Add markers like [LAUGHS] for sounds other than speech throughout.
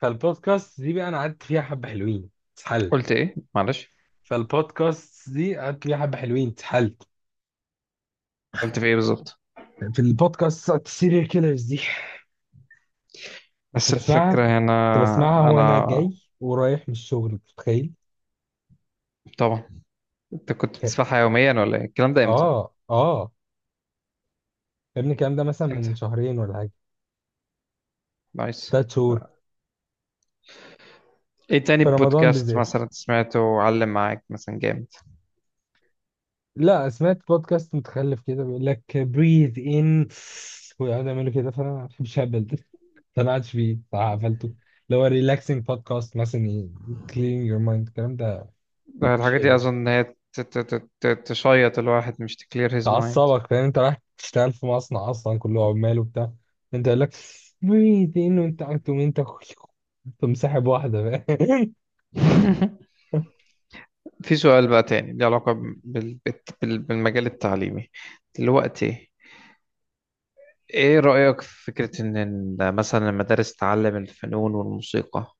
فالبودكاست دي بقى انا قعدت فيها حبه حلوين اتسحلت. قلت ايه؟ معلش، فالبودكاست دي قعدت فيها حبه حلوين اتسحلت. قلت في ايه بالظبط؟ في البودكاست بتاعت السيريال كيلرز دي. كنت بس بسمعها الفكرة هنا، كنت بسمعها وانا انا جاي ورايح من الشغل، أنت متخيل؟ طبعا. انت كنت كانت، بتسمعها يوميا ولا ايه؟ الكلام ده امتى؟ اه اه يا ابني الكلام ده مثلا امتى؟ من شهرين ولا حاجه، نايس. ثلاث شهور. ايه تاني في رمضان بودكاست بالذات. مثلا سمعته وعلم معاك مثلا جامد؟ لا، سمعت بودكاست متخلف كده بيقول لك breathe in ويقعدوا يعملوا كده، فانا ما بحبش اهبل [LAUGHS] اقتنعتش بيه صراحة، قفلته. اللي هو ريلاكسنج بودكاست مثلا، كلين يور مايند الكلام ده. ده مش الحاجة حلو دي يعني. اظن ان هي تشيط الواحد، مش تكلير هيز مايند. تعصبك، فاهم؟ انت رايح تشتغل في مصنع اصلا كله عمال وبتاع. انت يقول لك ميت، انه انت مسحب واحدة، فاهم؟ [LAUGHS] [LAUGHS] في سؤال بقى تاني ليه علاقة بالمجال التعليمي دلوقتي. ايه رأيك في فكرة ان مثلا المدارس تعلم الفنون والموسيقى؟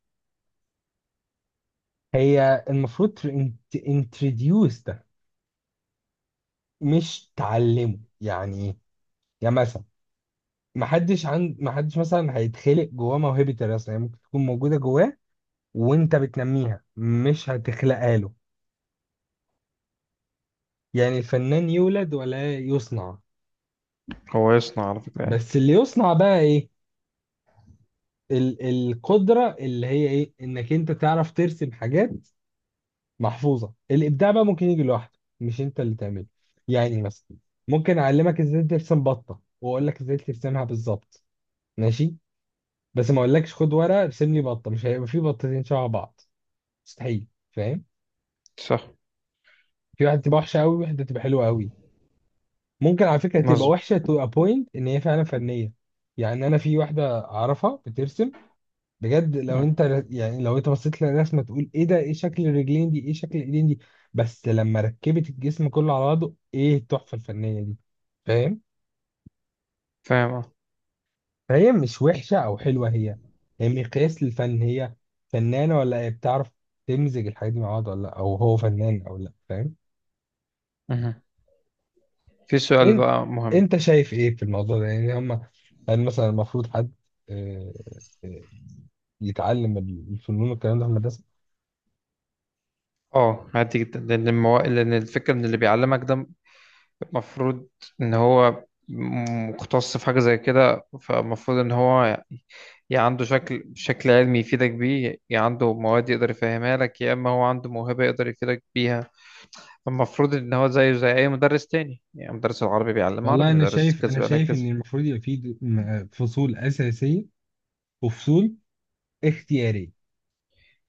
هي المفروض انتروديوس ده، مش تعلمه، يعني ايه؟ يعني مثلا ما حدش مثلا هيتخلق جواه موهبة الرسم، هي ممكن تكون موجودة جواه وانت بتنميها، مش هتخلقها له. يعني الفنان يولد ولا يصنع؟ هو يصنع على فكرة يعني. بس اللي يصنع بقى ايه؟ ال... القدرة اللي هي ايه، انك انت تعرف ترسم حاجات محفوظة. الابداع بقى ممكن يجي لوحده، مش انت اللي تعمله. يعني مثلا ممكن اعلمك ازاي ترسم بطة واقول لك ازاي ترسمها بالظبط، ماشي. بس ما اقولكش خد ورقة ارسم لي بطة، مش هيبقى في بطتين شبه بعض. مستحيل، فاهم؟ صح، في واحدة تبقى وحشة قوي وواحدة تبقى حلوة قوي. ممكن على فكرة تبقى مظبوط. وحشة تو ا بوينت ان هي فعلا فنية. يعني انا في واحدة اعرفها بترسم بجد، لو مم. انت يعني لو انت بصيت للرسمه تقول ايه ده، ايه شكل الرجلين دي، ايه شكل الايدين دي. بس لما ركبت الجسم كله على بعضه، ايه التحفه الفنيه دي، فاهم؟ فاهم، اه. فهي مش وحشه او حلوه، هي هي مقياس للفن. هي فنانه، ولا هي بتعرف تمزج الحاجات دي مع بعض ولا لا، او هو فنان او لا، فاهم؟ مهم. في سؤال انت، بقى مهم. انت شايف ايه في الموضوع ده يعني؟ هم، هل مثلا المفروض حد، آه، آه، يتعلم الفنون والكلام ده في المدرسه؟ اه، عادي جدا لان الفكرة ان اللي بيعلمك ده المفروض ان هو مختص في حاجة زي كده، فالمفروض ان هو يعني يا عنده شكل شكل علمي يفيدك بيه، يا عنده مواد يقدر يفهمها لك، يا اما هو عنده موهبة يقدر يفيدك بيها. المفروض ان هو زيه زي اي مدرس تاني، يعني مدرس العربي بيعلم والله عربي، انا مدرس شايف كذا انا بيعلم شايف كذا. ان المفروض يبقى في فصول اساسيه وفصول اختياريه،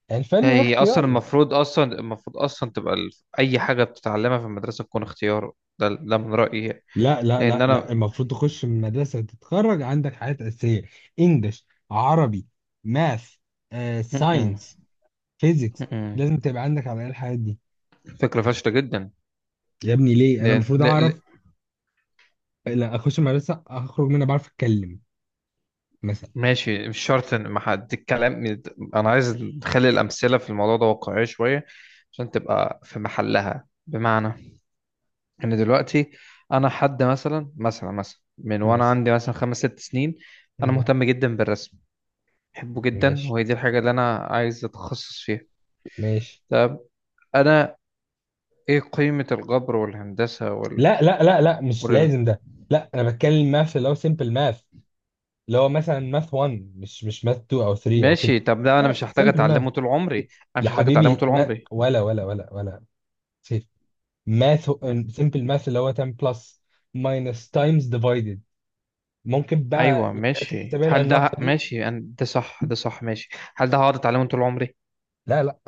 يعني الفن هي ده هي اصلا اختياري. المفروض اصلا المفروض اصلا تبقى اي حاجه بتتعلمها في المدرسه تكون اختيار. ده من رايي يعني. لا لا لان لا لا، انا. المفروض تخش من مدرسه تتخرج عندك حاجات اساسيه: انجلش، عربي، ماث، م-م. ساينس، فيزيكس. م-م. لازم تبقى عندك على الأقل الحاجات دي. فكره فاشله جدا. يا ابني ليه انا لان المفروض ل... ل... اعرف؟ لا، اخش مدرسه اخرج منها بعرف اتكلم مثلا. ماشي، مش شرط ان ما حد الكلام. انا عايز نخلي الامثله في الموضوع ده واقعيه شويه عشان تبقى في محلها، بمعنى ان دلوقتي انا حد مثلا من وانا مثلا. عندي مثلا 5 6 سنين، انا مم. مهتم جدا بالرسم، بحبه جدا ماشي. وهي دي الحاجه اللي انا عايز اتخصص فيها. ماشي. طب انا، ايه قيمه الجبر والهندسه لا لا لا لا، مش وال- لازم ده. لا انا بتكلم ماث اللي هو سيمبل ماث، اللي هو مثلا ماث 1، مش ماث 2 او 3 او كده. ماشي؟ طب ده انا لا، مش هحتاج سيمبل ماث. اتعلمه طول عمري، انا يا مش هحتاج اتعلمه حبيبي، طول ما عمري. ولا سيف. ماث، م. سيمبل ماث، اللي هو 10 بلس، ماينس، تايمز، ديفايدد. ممكن بقى ايوه الحاجات ماشي، الحسابيه هل ده العملاقه دي. ماشي؟ ده صح، ده صح ماشي. هل ده هقعد اتعلمه طول عمري؟ لا لا.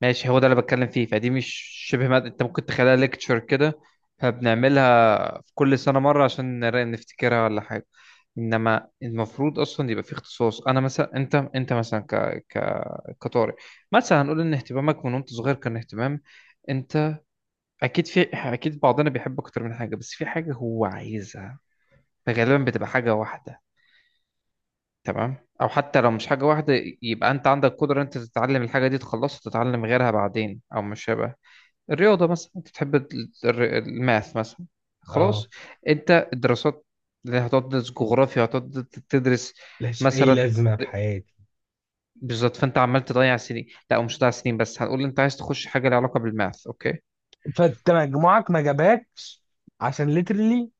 ماشي، هو ده اللي بتكلم فيه، فدي مش شبه مادة، انت ممكن تخليها ليكتشر كده، فبنعملها في كل سنة مرة عشان نفتكرها ولا حاجة. انما المفروض اصلا يبقى في اختصاص، انا مثلا، انت مثلا ك ك كطارئ مثلا، هنقول ان اهتمامك من وانت صغير كان اهتمام. انت اكيد في، اكيد بعضنا بيحب اكتر من حاجة، بس في حاجة هو عايزها، فغالبا بتبقى حاجة واحدة، تمام؟ او حتى لو مش حاجة واحدة، يبقى انت عندك قدرة انت تتعلم الحاجة دي تخلصها، تتعلم غيرها بعدين. او مش شبه الرياضة، مثلا انت بتحب الماث مثلا، اه، خلاص. انت الدراسات اللي هتقعد تدرس جغرافيا، هتقعد تدرس لهاش اي مثلا. لازمه في حياتي. بالظبط، فانت عمال تضيع سنين، لا مش هتضيع سنين، بس هنقول انت عايز تخش حاجة لها علاقة بالماث، اوكي. فانت مجموعك ما جابكش عشان ليترلي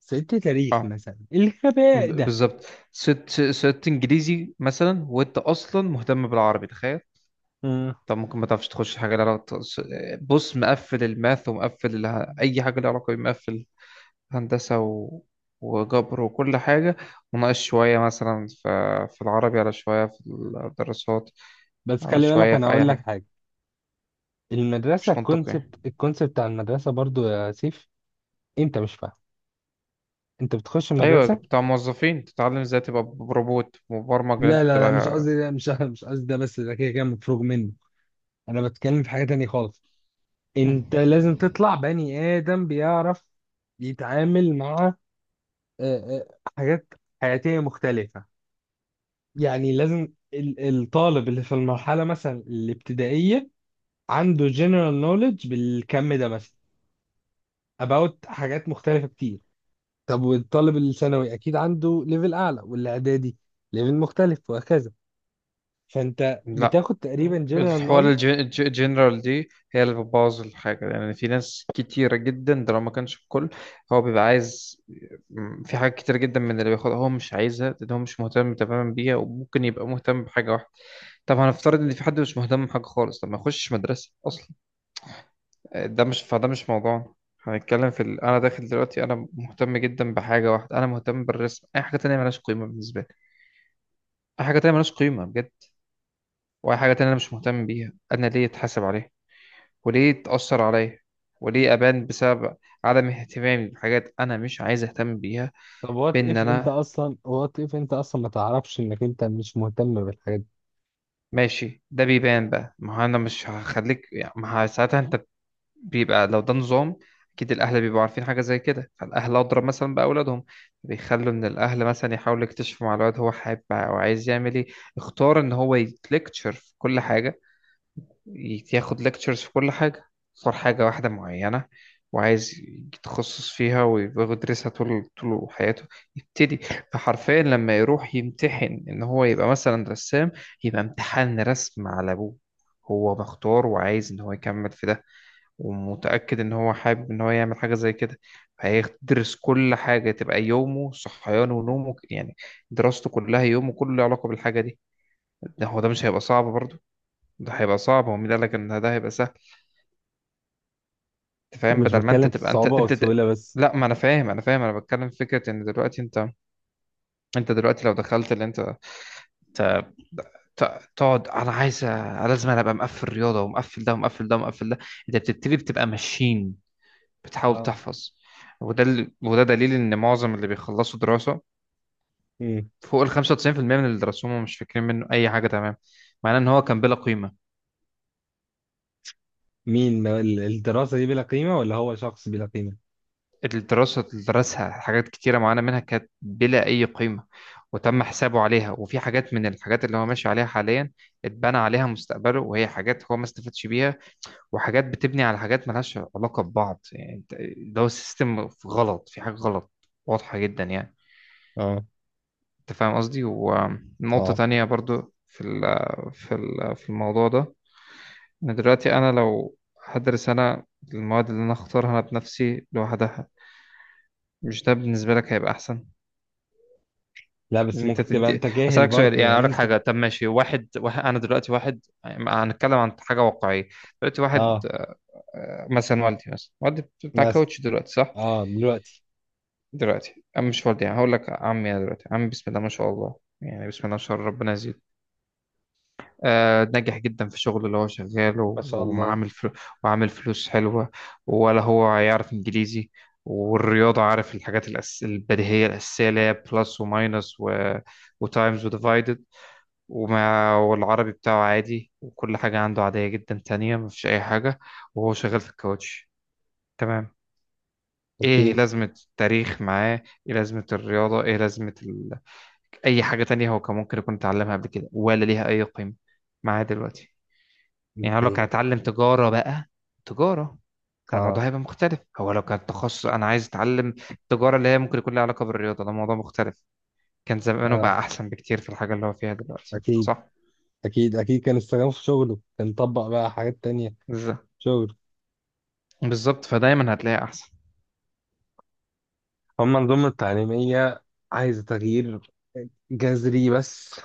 ست تاريخ اه، مثلا، الغباء ب- ده. بالظبط ست ست انجليزي مثلا وانت اصلا مهتم بالعربي، تخيل. مم. طب ممكن ما تعرفش تخش حاجة لها علاقة. بص، مقفل الماث ومقفل اي حاجة لها علاقة بمقفل هندسة و... وجبر وكل حاجة، وناقص شوية مثلا في... في العربي، على شوية في الدراسات، بس على خلي بالك، شوية انا في أي اقول لك حاجة. حاجه: المدرسه، مش منطقي. الكونسبت، الكونسبت بتاع المدرسه برضو يا سيف، انت مش فاهم. انت بتخش أيوة، المدرسه. بتاع موظفين تتعلم ازاي تبقى روبوت مبرمج إن لا أنت لا لا، مش تبقى. قصدي ده، مش [LAUGHS] مش قصدي ده. بس ده كده كده مفروغ منه. انا بتكلم في حاجه تانية خالص. انت لازم تطلع بني ادم بيعرف يتعامل مع، آه، آه، حاجات حياتيه مختلفه. يعني لازم الطالب اللي في المرحله مثلا الابتدائيه عنده general knowledge بالكم ده مثلا about حاجات مختلفه كتير. طب والطالب الثانوي اكيد عنده ليفل اعلى، والاعدادي ليفل مختلف، وهكذا. فانت لا، بتاخد تقريبا جنرال الحوار نول. الجنرال دي هي اللي بتبوظ الحاجة، يعني في ناس كتيرة جدا، ده لو ما كانش الكل، هو بيبقى عايز. في حاجات كتير جدا من اللي بياخدها هو مش عايزها، لأن هو مش مهتم تماما بيها، وممكن يبقى مهتم بحاجة واحدة. طب هنفترض ان في حد مش مهتم بحاجه خالص، طب ما يخشش مدرسه اصلا. ده مش، فده مش موضوع. هنتكلم في ال... انا داخل دلوقتي انا مهتم جدا بحاجه واحده، انا مهتم بالرسم، اي حاجه تانية ملهاش قيمه بالنسبه لي، اي حاجه تانية ملهاش قيمه بجد، واي حاجه تانية انا مش مهتم بيها. انا ليه اتحاسب عليها؟ وليه اتاثر عليا؟ وليه ابان بسبب عدم اهتمامي بحاجات انا مش عايز اهتم بيها؟ طب وات بان اف انت انا. اصلا، وات اف انت اصلا ما تعرفش انك انت مش مهتم بالحاجات دي؟ ماشي، ده بيبان بقى، ما هو انا مش هخليك يعني، ما ه- ساعتها انت بيبقى، لو ده نظام اكيد الاهل بيبقوا عارفين حاجه زي كده، فالاهل اضرب مثلا باولادهم، بيخلوا ان الاهل مثلا يحاولوا يكتشفوا مع الولد هو حابب او عايز يعمل ايه. اختار ان هو يتلكتشر في كل حاجه، ياخد ليكتشرز في كل حاجه، اختار حاجه واحده معينه وعايز يتخصص فيها ويدرسها طول طول حياته. يبتدي فحرفيا لما يروح يمتحن ان هو يبقى مثلا رسام، يبقى امتحان رسم على ابوه، هو مختار وعايز ان هو يكمل في ده، ومتأكد إن هو حابب إن هو يعمل حاجة زي كده، فهيدرس كل حاجة، تبقى يومه صحيانه ونومه يعني، دراسته كلها، يومه كله له علاقة بالحاجة دي. ده هو، ده مش هيبقى صعب برضه؟ ده هيبقى صعب، هو مين قالك إن ده هيبقى سهل؟ أنت فاهم، مش بدل ما أنت بتكلم في تبقى أنت الصعوبة والسهولة بس. لا، ما أنا فاهم، أنا فاهم، أنا بتكلم في فكرة إن دلوقتي أنت، أنت دلوقتي لو دخلت اللي أنت ت- ت- تقعد، انا عايز لازم انا ابقى مقفل رياضه ومقفل ده ومقفل ده ومقفل ده، انت بتبتدي بتبقى ماشين، بتحاول اه. تحفظ. وده ال... وده دليل ان معظم اللي بيخلصوا دراسه مم. فوق ال 95% من اللي درسوهم هم مش فاكرين منه اي حاجه، تمام؟ معناه ان هو كان بلا قيمه. مين الدراسة دي بلا قيمة ولا هو شخص بلا قيمة؟ الدراسه اللي درسها حاجات كتيره معانا منها كانت بلا اي قيمه وتم حسابه عليها، وفي حاجات من الحاجات اللي هو ماشي عليها حاليا اتبنى عليها مستقبله، وهي حاجات هو ما استفادش بيها، وحاجات بتبني على حاجات ملهاش علاقه ببعض يعني. ده هو سيستم غلط، في حاجه غلط واضحه جدا يعني. اه. انت فاهم قصدي؟ ونقطة اه. تانية برضو في في الموضوع ده، ان دلوقتي انا لو هدرس انا المواد اللي انا اختارها انا بنفسي لوحدها، مش ده بالنسبة لك هيبقى احسن؟ لا ان بس انت ممكن تبقى تدي، انت جاهل اسالك سؤال برضه، يعني، يعني اقول لك انت. حاجة. طب ماشي واحد انا دلوقتي واحد، هنتكلم عن حاجة واقعية. دلوقتي واحد، اه، مثلا والدي، مثلا والدي بتاع مثلا. كاوتش دلوقتي، صح؟ اه، دلوقتي. دلوقتي، أم مش والدي يعني، هقول لك عمي، انا دلوقتي عمي بسم الله ما شاء الله، يعني بسم الله ما شاء الله ربنا يزيد، ناجح جدا في شغله اللي هو ما شغاله، شاء الله. وعامل فلوس حلوة. ولا هو يعرف إنجليزي، والرياضة عارف الحاجات البديهية الأساسية اللي هي بلس وماينس و... وتايمز وديفايدد، والعربي بتاعه عادي، وكل حاجة عنده عادية جدا تانية، مفيش أي حاجة، وهو شغال في الكاوتش، تمام. ايه اوكي. لازمة التاريخ معاه؟ ايه لازمة الرياضة؟ ايه لازمة ال... اي حاجة تانية هو كان ممكن يكون اتعلمها قبل كده، ولا ليها اي قيمة معاه دلوقتي؟ دي يعني هو لو كان حقيقة. اتعلم تجارة بقى، تجارة، كان اه. الموضوع هيبقى مختلف. هو لو كان تخصص أنا عايز أتعلم تجارة اللي هي ممكن يكون لها علاقة بالرياضة، ده موضوع مختلف، كان زمانه اه، بقى أحسن بكتير في الحاجة اللي هو فيها دلوقتي، اكيد صح. اكيد اكيد، كان استخدامه في شغله كان طبق بقى حاجات تانية. بالظبط شغل. بالظبط فدايما هتلاقي أحسن. هما النظم التعليمية عايزة تغيير جذري، بس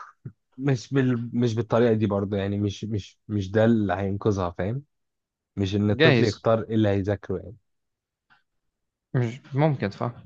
مش بالطريقة دي برضه، يعني مش ده اللي هينقذها، فاهم؟ مش إن الطفل جايز، يختار إيه اللي هيذاكره يعني. مش ممكن، صح.